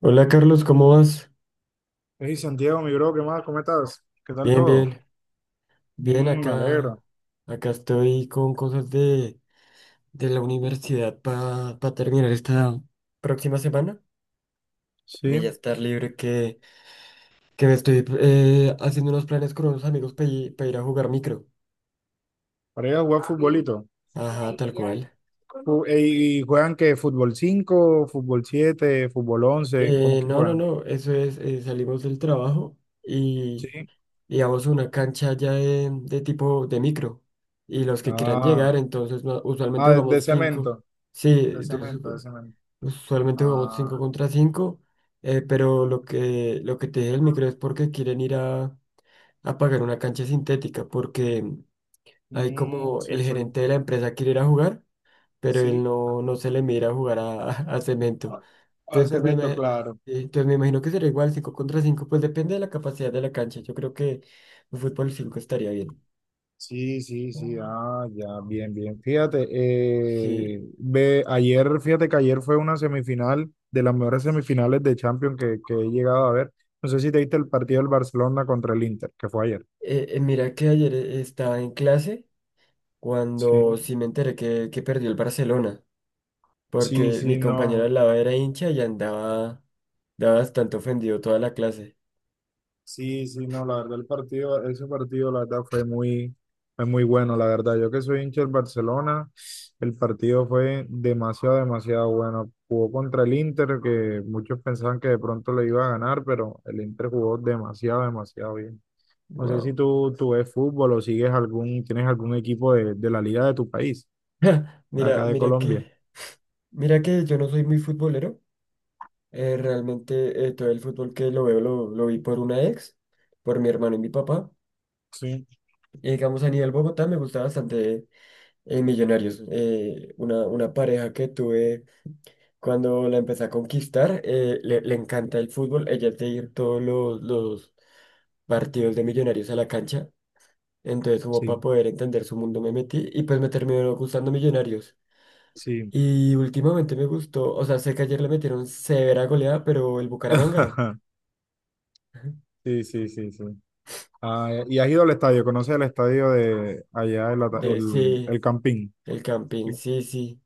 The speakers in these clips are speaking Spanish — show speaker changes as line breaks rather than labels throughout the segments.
Hola Carlos, ¿cómo vas?
Hey Santiago, mi bro, ¿qué más? ¿Cómo estás? ¿Qué tal
Bien,
todo?
bien, bien,
Mm, me
acá,
alegro.
acá estoy con cosas de la universidad para terminar esta próxima semana y
Sí,
ya estar libre que me estoy haciendo unos planes con unos amigos para ir a jugar micro.
para ir a jugar futbolito.
Ajá, tal cual.
¿Y juegan qué? ¿Fútbol 5, fútbol 7, fútbol 11? ¿Cómo que
No, no,
juegan?
no, eso es, salimos del trabajo y,
Sí.
y vamos a una cancha ya de tipo de micro y los que quieran
Ah,
llegar, entonces usualmente
ah, de
jugamos cinco.
cemento,
Sí,
de
entonces,
cemento,
pues,
de cemento.
usualmente jugamos 5
Ah,
contra cinco, pero lo que te dije del micro es porque quieren ir a pagar una cancha sintética, porque hay
mm,
como el
sí, sí.
gerente de la empresa quiere ir a jugar, pero él
Sí,
no, no se le mira a jugar a, a cemento.
ah,
Entonces, pues,
cemento, claro.
entonces me imagino que será igual 5 contra 5, pues depende de la capacidad de la cancha. Yo creo que un fútbol 5 estaría bien.
Sí, sí, sí, ah, ya, bien, bien. Fíjate,
Sí.
ve, ayer, fíjate que ayer fue una semifinal de las mejores semifinales de Champions que he llegado a ver. No sé si te viste el partido del Barcelona contra el Inter, que fue ayer.
Mira que ayer estaba en clase
Sí,
cuando sí me enteré que perdió el Barcelona,
sí,
porque mi
sí,
compañero
no.
al lado era hincha y andaba, andaba bastante ofendido toda la clase.
Sí, sí, no, la verdad el partido, ese partido la verdad fue muy, bueno, la verdad. Yo que soy hincha del Barcelona, el partido fue demasiado, demasiado bueno. Jugó contra el Inter, que muchos pensaban que de pronto le iba a ganar, pero el Inter jugó demasiado, demasiado bien. No sé si
Wow.
tú, ves fútbol o sigues tienes algún equipo de la liga de tu país, de
Mira,
acá de
mira
Colombia.
que, mira que yo no soy muy futbolero. Realmente todo el fútbol que lo veo lo vi por una ex, por mi hermano y mi papá.
Sí.
Y digamos a nivel Bogotá me gusta bastante Millonarios. Eh, una pareja que tuve cuando la empecé a conquistar, le, le encanta el fútbol. Ella es de ir todos los partidos de Millonarios a la cancha. Entonces, como para
Sí,
poder entender su mundo, me metí y pues me terminó gustando Millonarios.
sí.
Y últimamente me gustó, o sea, sé que ayer le metieron severa goleada, pero el Bucaramanga,
Sí, sí, sí, sí. Ah, y has ido al estadio, conoces el estadio de allá, el, ata-
de,
el,
sí,
el Campín.
el Campín,
Sí.
sí, sí.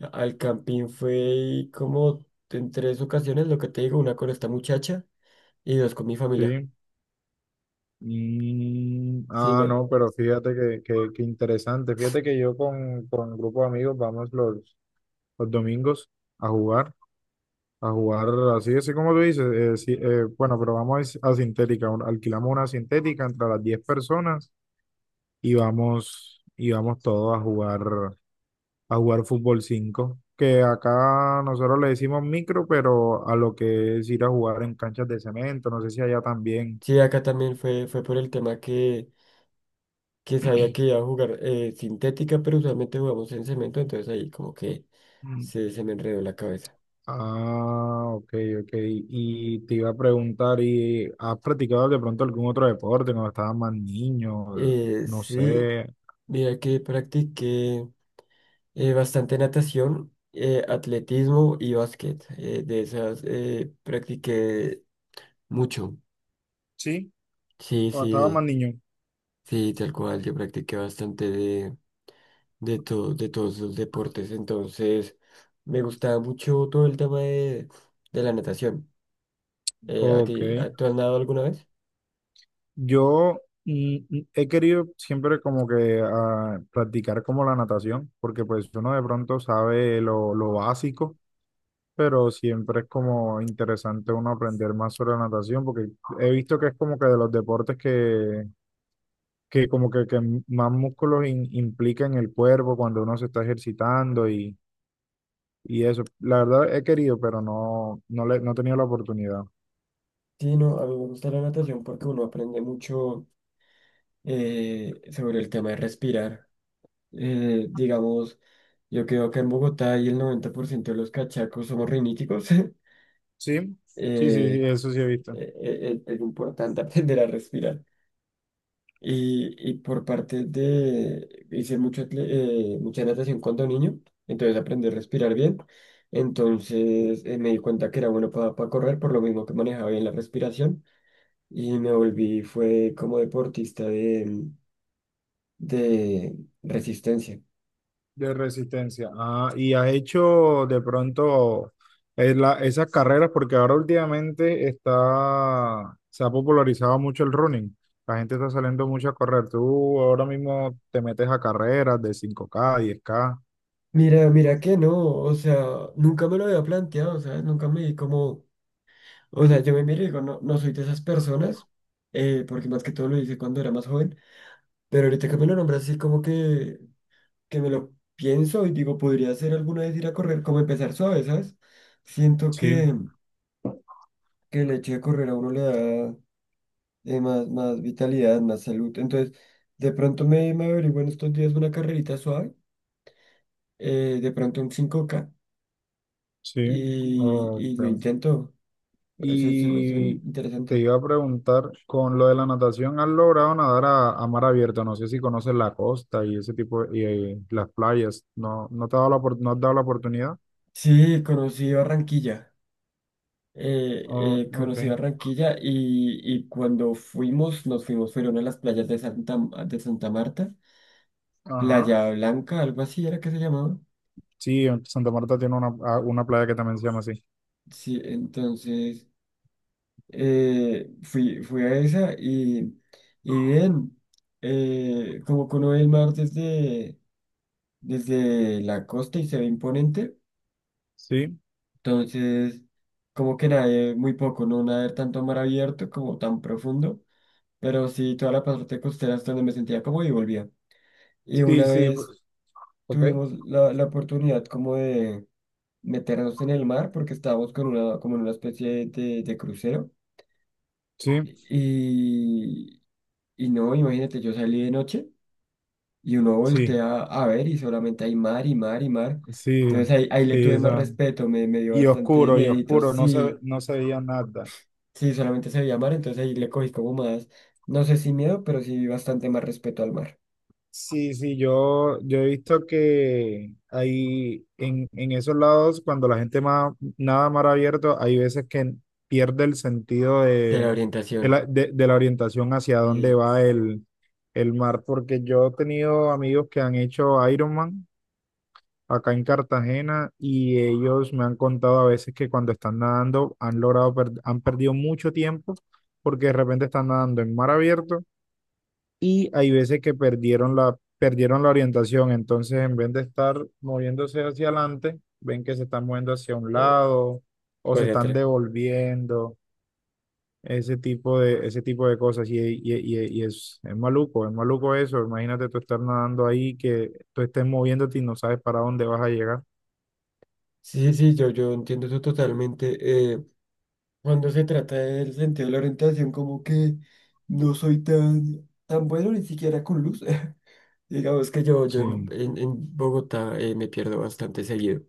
Al Campín fue como en tres ocasiones, lo que te digo, una con esta muchacha y dos con mi familia.
Sí. Mm,
Sí,
ah,
me-
no, pero fíjate que, interesante. Fíjate que yo con un grupo de amigos vamos los, domingos a jugar, a jugar así, así como tú dices. Sí, bueno, pero vamos a, sintética, alquilamos una sintética entre las 10 personas y vamos, todos a jugar fútbol 5 que acá nosotros le decimos micro, pero a lo que es ir a jugar en canchas de cemento, no sé si allá también.
sí, acá también fue, fue por el tema que sabía que iba a jugar sintética, pero usualmente jugamos en cemento, entonces ahí como que
Mm.
se me enredó la cabeza.
Ah, ok, ok. Y te iba a preguntar, ¿y has practicado de pronto algún otro deporte cuando estabas más niño? No
Sí,
sé.
mira que practiqué bastante natación, atletismo y básquet. Eh, de esas practiqué mucho.
Sí,
Sí,
cuando estaba más
sí,
niño.
sí, tal cual. Yo practiqué bastante de, todo, de todos los deportes. Entonces, me gustaba mucho todo el tema de la natación. ¿A
Ok.
ti, tú has nadado alguna vez?
Yo he querido siempre como que practicar como la natación, porque pues uno de pronto sabe lo, básico, pero siempre es como interesante uno aprender más sobre la natación, porque he visto que es como que de los deportes que más músculos implica en el cuerpo cuando uno se está ejercitando y eso. La verdad he querido, pero no he tenido la oportunidad.
Sí, no, a mí me gusta la natación porque uno aprende mucho sobre el tema de respirar. Digamos, yo creo que en Bogotá y el 90% de los cachacos somos riníticos.
Sí, sí, sí, sí,
eh,
eso sí he visto.
eh, es importante aprender a respirar. Y por parte de, hice mucho, mucha natación cuando niño, entonces aprendí a respirar bien. Entonces me di cuenta que era bueno para correr, por lo mismo que manejaba bien la respiración. Y me volví, fue como deportista de resistencia.
De resistencia. Ah, y has hecho de pronto esas carreras, porque ahora últimamente se ha popularizado mucho el running. La gente está saliendo mucho a correr. Tú ahora mismo te metes a carreras de 5K 10K.
Mira, mira que no, o sea, nunca me lo había planteado, ¿sabes? Nunca me di como, o sea, yo me miro y digo, no, no soy de esas personas, porque más que todo lo hice cuando era más joven, pero ahorita que me lo nombras así como que me lo pienso y digo, podría ser alguna vez ir a correr, como empezar suave, ¿sabes? Siento
Sí,
que el hecho de correr a uno le da más, más vitalidad, más salud, entonces de pronto me, me averiguo en estos días una carrerita suave, de pronto un 5K
sí. Oh,
y lo
ok.
intento. Es, es
Y te
interesante.
iba a preguntar, con lo de la natación, ¿has logrado nadar a, mar abierto? No sé si conoces la costa y ese tipo, y las playas. ¿No te ha dado la, no has dado la oportunidad?
Sí, conocí Barranquilla.
Oh, ok.
Conocí Barranquilla y cuando fuimos, nos fuimos, fueron a las playas de Santa Marta,
Ajá.
Playa Blanca, algo así era que se llamaba.
Sí, Santa Marta tiene una, una playa que también se llama así.
Sí, entonces fui, fui a esa y bien, como que uno ve el mar desde, desde la costa y se ve imponente.
Sí,
Entonces, como que nadie, muy poco, no nadar tanto a mar abierto como tan profundo, pero sí toda la parte costera es donde me sentía como y volvía. Y una
sí, sí.
vez
Ok.
tuvimos la, la oportunidad como de meternos en el mar porque estábamos con una, como en una especie de crucero.
Sí,
Y, y no, imagínate, yo salí de noche y uno
sí,
voltea a ver y solamente hay mar y mar y mar.
sí,
Entonces ahí, ahí le
sí.
tuve más respeto, me dio bastante
Y
miedito,
oscuro, no se,
sí.
no se veía nada.
Sí, solamente se veía mar, entonces ahí le cogí como más, no sé si miedo, pero sí bastante más respeto al mar.
Sí, sí, yo, he visto que hay en esos lados, cuando la gente nada mar abierto, hay veces que pierde el sentido
De la
de, de
orientación.
la, de- de la orientación hacia dónde
Y
va el mar, porque yo he tenido amigos que han hecho Ironman acá en Cartagena y ellos me han contado a veces que cuando están nadando han perdido mucho tiempo porque de repente están nadando en mar abierto hay veces que perdieron la, orientación, entonces en vez de estar moviéndose hacia adelante, ven que se están moviendo hacia un
oh,
lado o
pues
se
de
están
atrás.
devolviendo, ese tipo de cosas. Y es maluco, es maluco eso. Imagínate tú estar nadando ahí, que tú estés moviéndote y no sabes para dónde vas a llegar.
Sí, sí, yo entiendo eso totalmente. Cuando se trata del sentido de la orientación, como que no soy tan, tan bueno ni siquiera con luz. Digamos que yo
Sí,
en, en Bogotá me pierdo bastante seguido.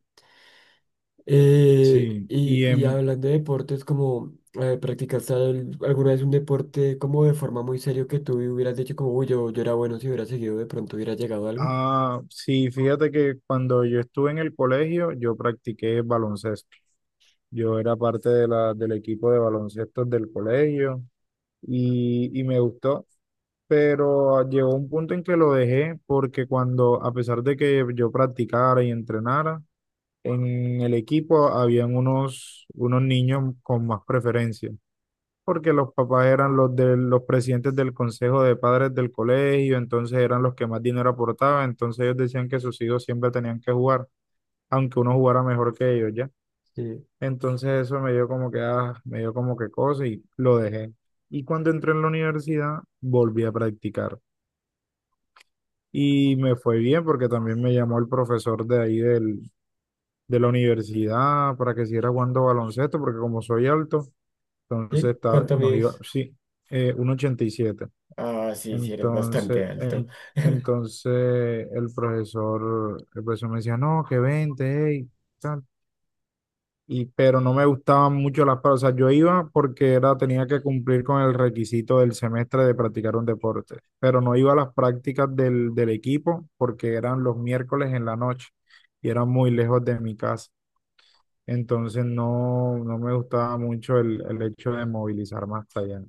sí.
Y,
Y
y hablando de deportes, como practicaste alguna vez un deporte como de forma muy serio que tú hubieras dicho como, uy, yo era bueno si hubiera seguido, de pronto hubiera llegado a algo.
sí, fíjate que cuando yo estuve en el colegio, yo practiqué baloncesto. Yo era parte de del equipo de baloncesto del colegio y me gustó, pero llegó un punto en que lo dejé porque a pesar de que yo practicara y entrenara, en el equipo habían unos niños con más preferencia, porque los papás eran los de los presidentes del consejo de padres del colegio, entonces eran los que más dinero aportaban, entonces ellos decían que sus hijos siempre tenían que jugar, aunque uno jugara mejor que ellos, ¿ya?
Eh,
Entonces eso me dio como que cosa y lo dejé. Y cuando entré en la universidad, volví a practicar. Y me fue bien porque también me llamó el profesor de ahí de la universidad para que siguiera jugando baloncesto, porque como soy alto, entonces
¿Sí? ¿Cuánto
nos iba,
mides?
sí, 1,87.
Ah, sí, sí, eres bastante
Entonces,
alto.
entonces el profesor me decía, no, que vente, hey. Y pero no me gustaban mucho las prácticas. O sea, yo iba porque tenía que cumplir con el requisito del semestre de practicar un deporte, pero no iba a las prácticas del, equipo porque eran los miércoles en la noche y eran muy lejos de mi casa. Entonces no me gustaba mucho el, hecho de movilizarme hasta allá.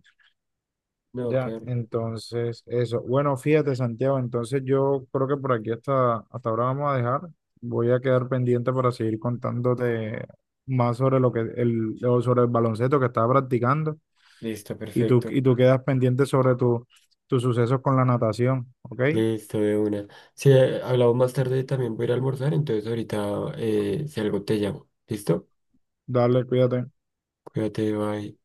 No,
Ya,
Carlos.
entonces eso. Bueno, fíjate, Santiago, entonces yo creo que por aquí hasta ahora vamos a dejar. Voy a quedar pendiente para seguir contándote más sobre lo que el, o sobre el baloncesto que estaba practicando
Listo,
y tú, y
perfecto.
tú quedas pendiente sobre tus sucesos con la natación, ¿ok?
Listo, de una. Si hablamos más tarde también voy a ir a almorzar, entonces ahorita si algo te llamo. ¿Listo?
Dale, cuídate.
Cuídate, bye.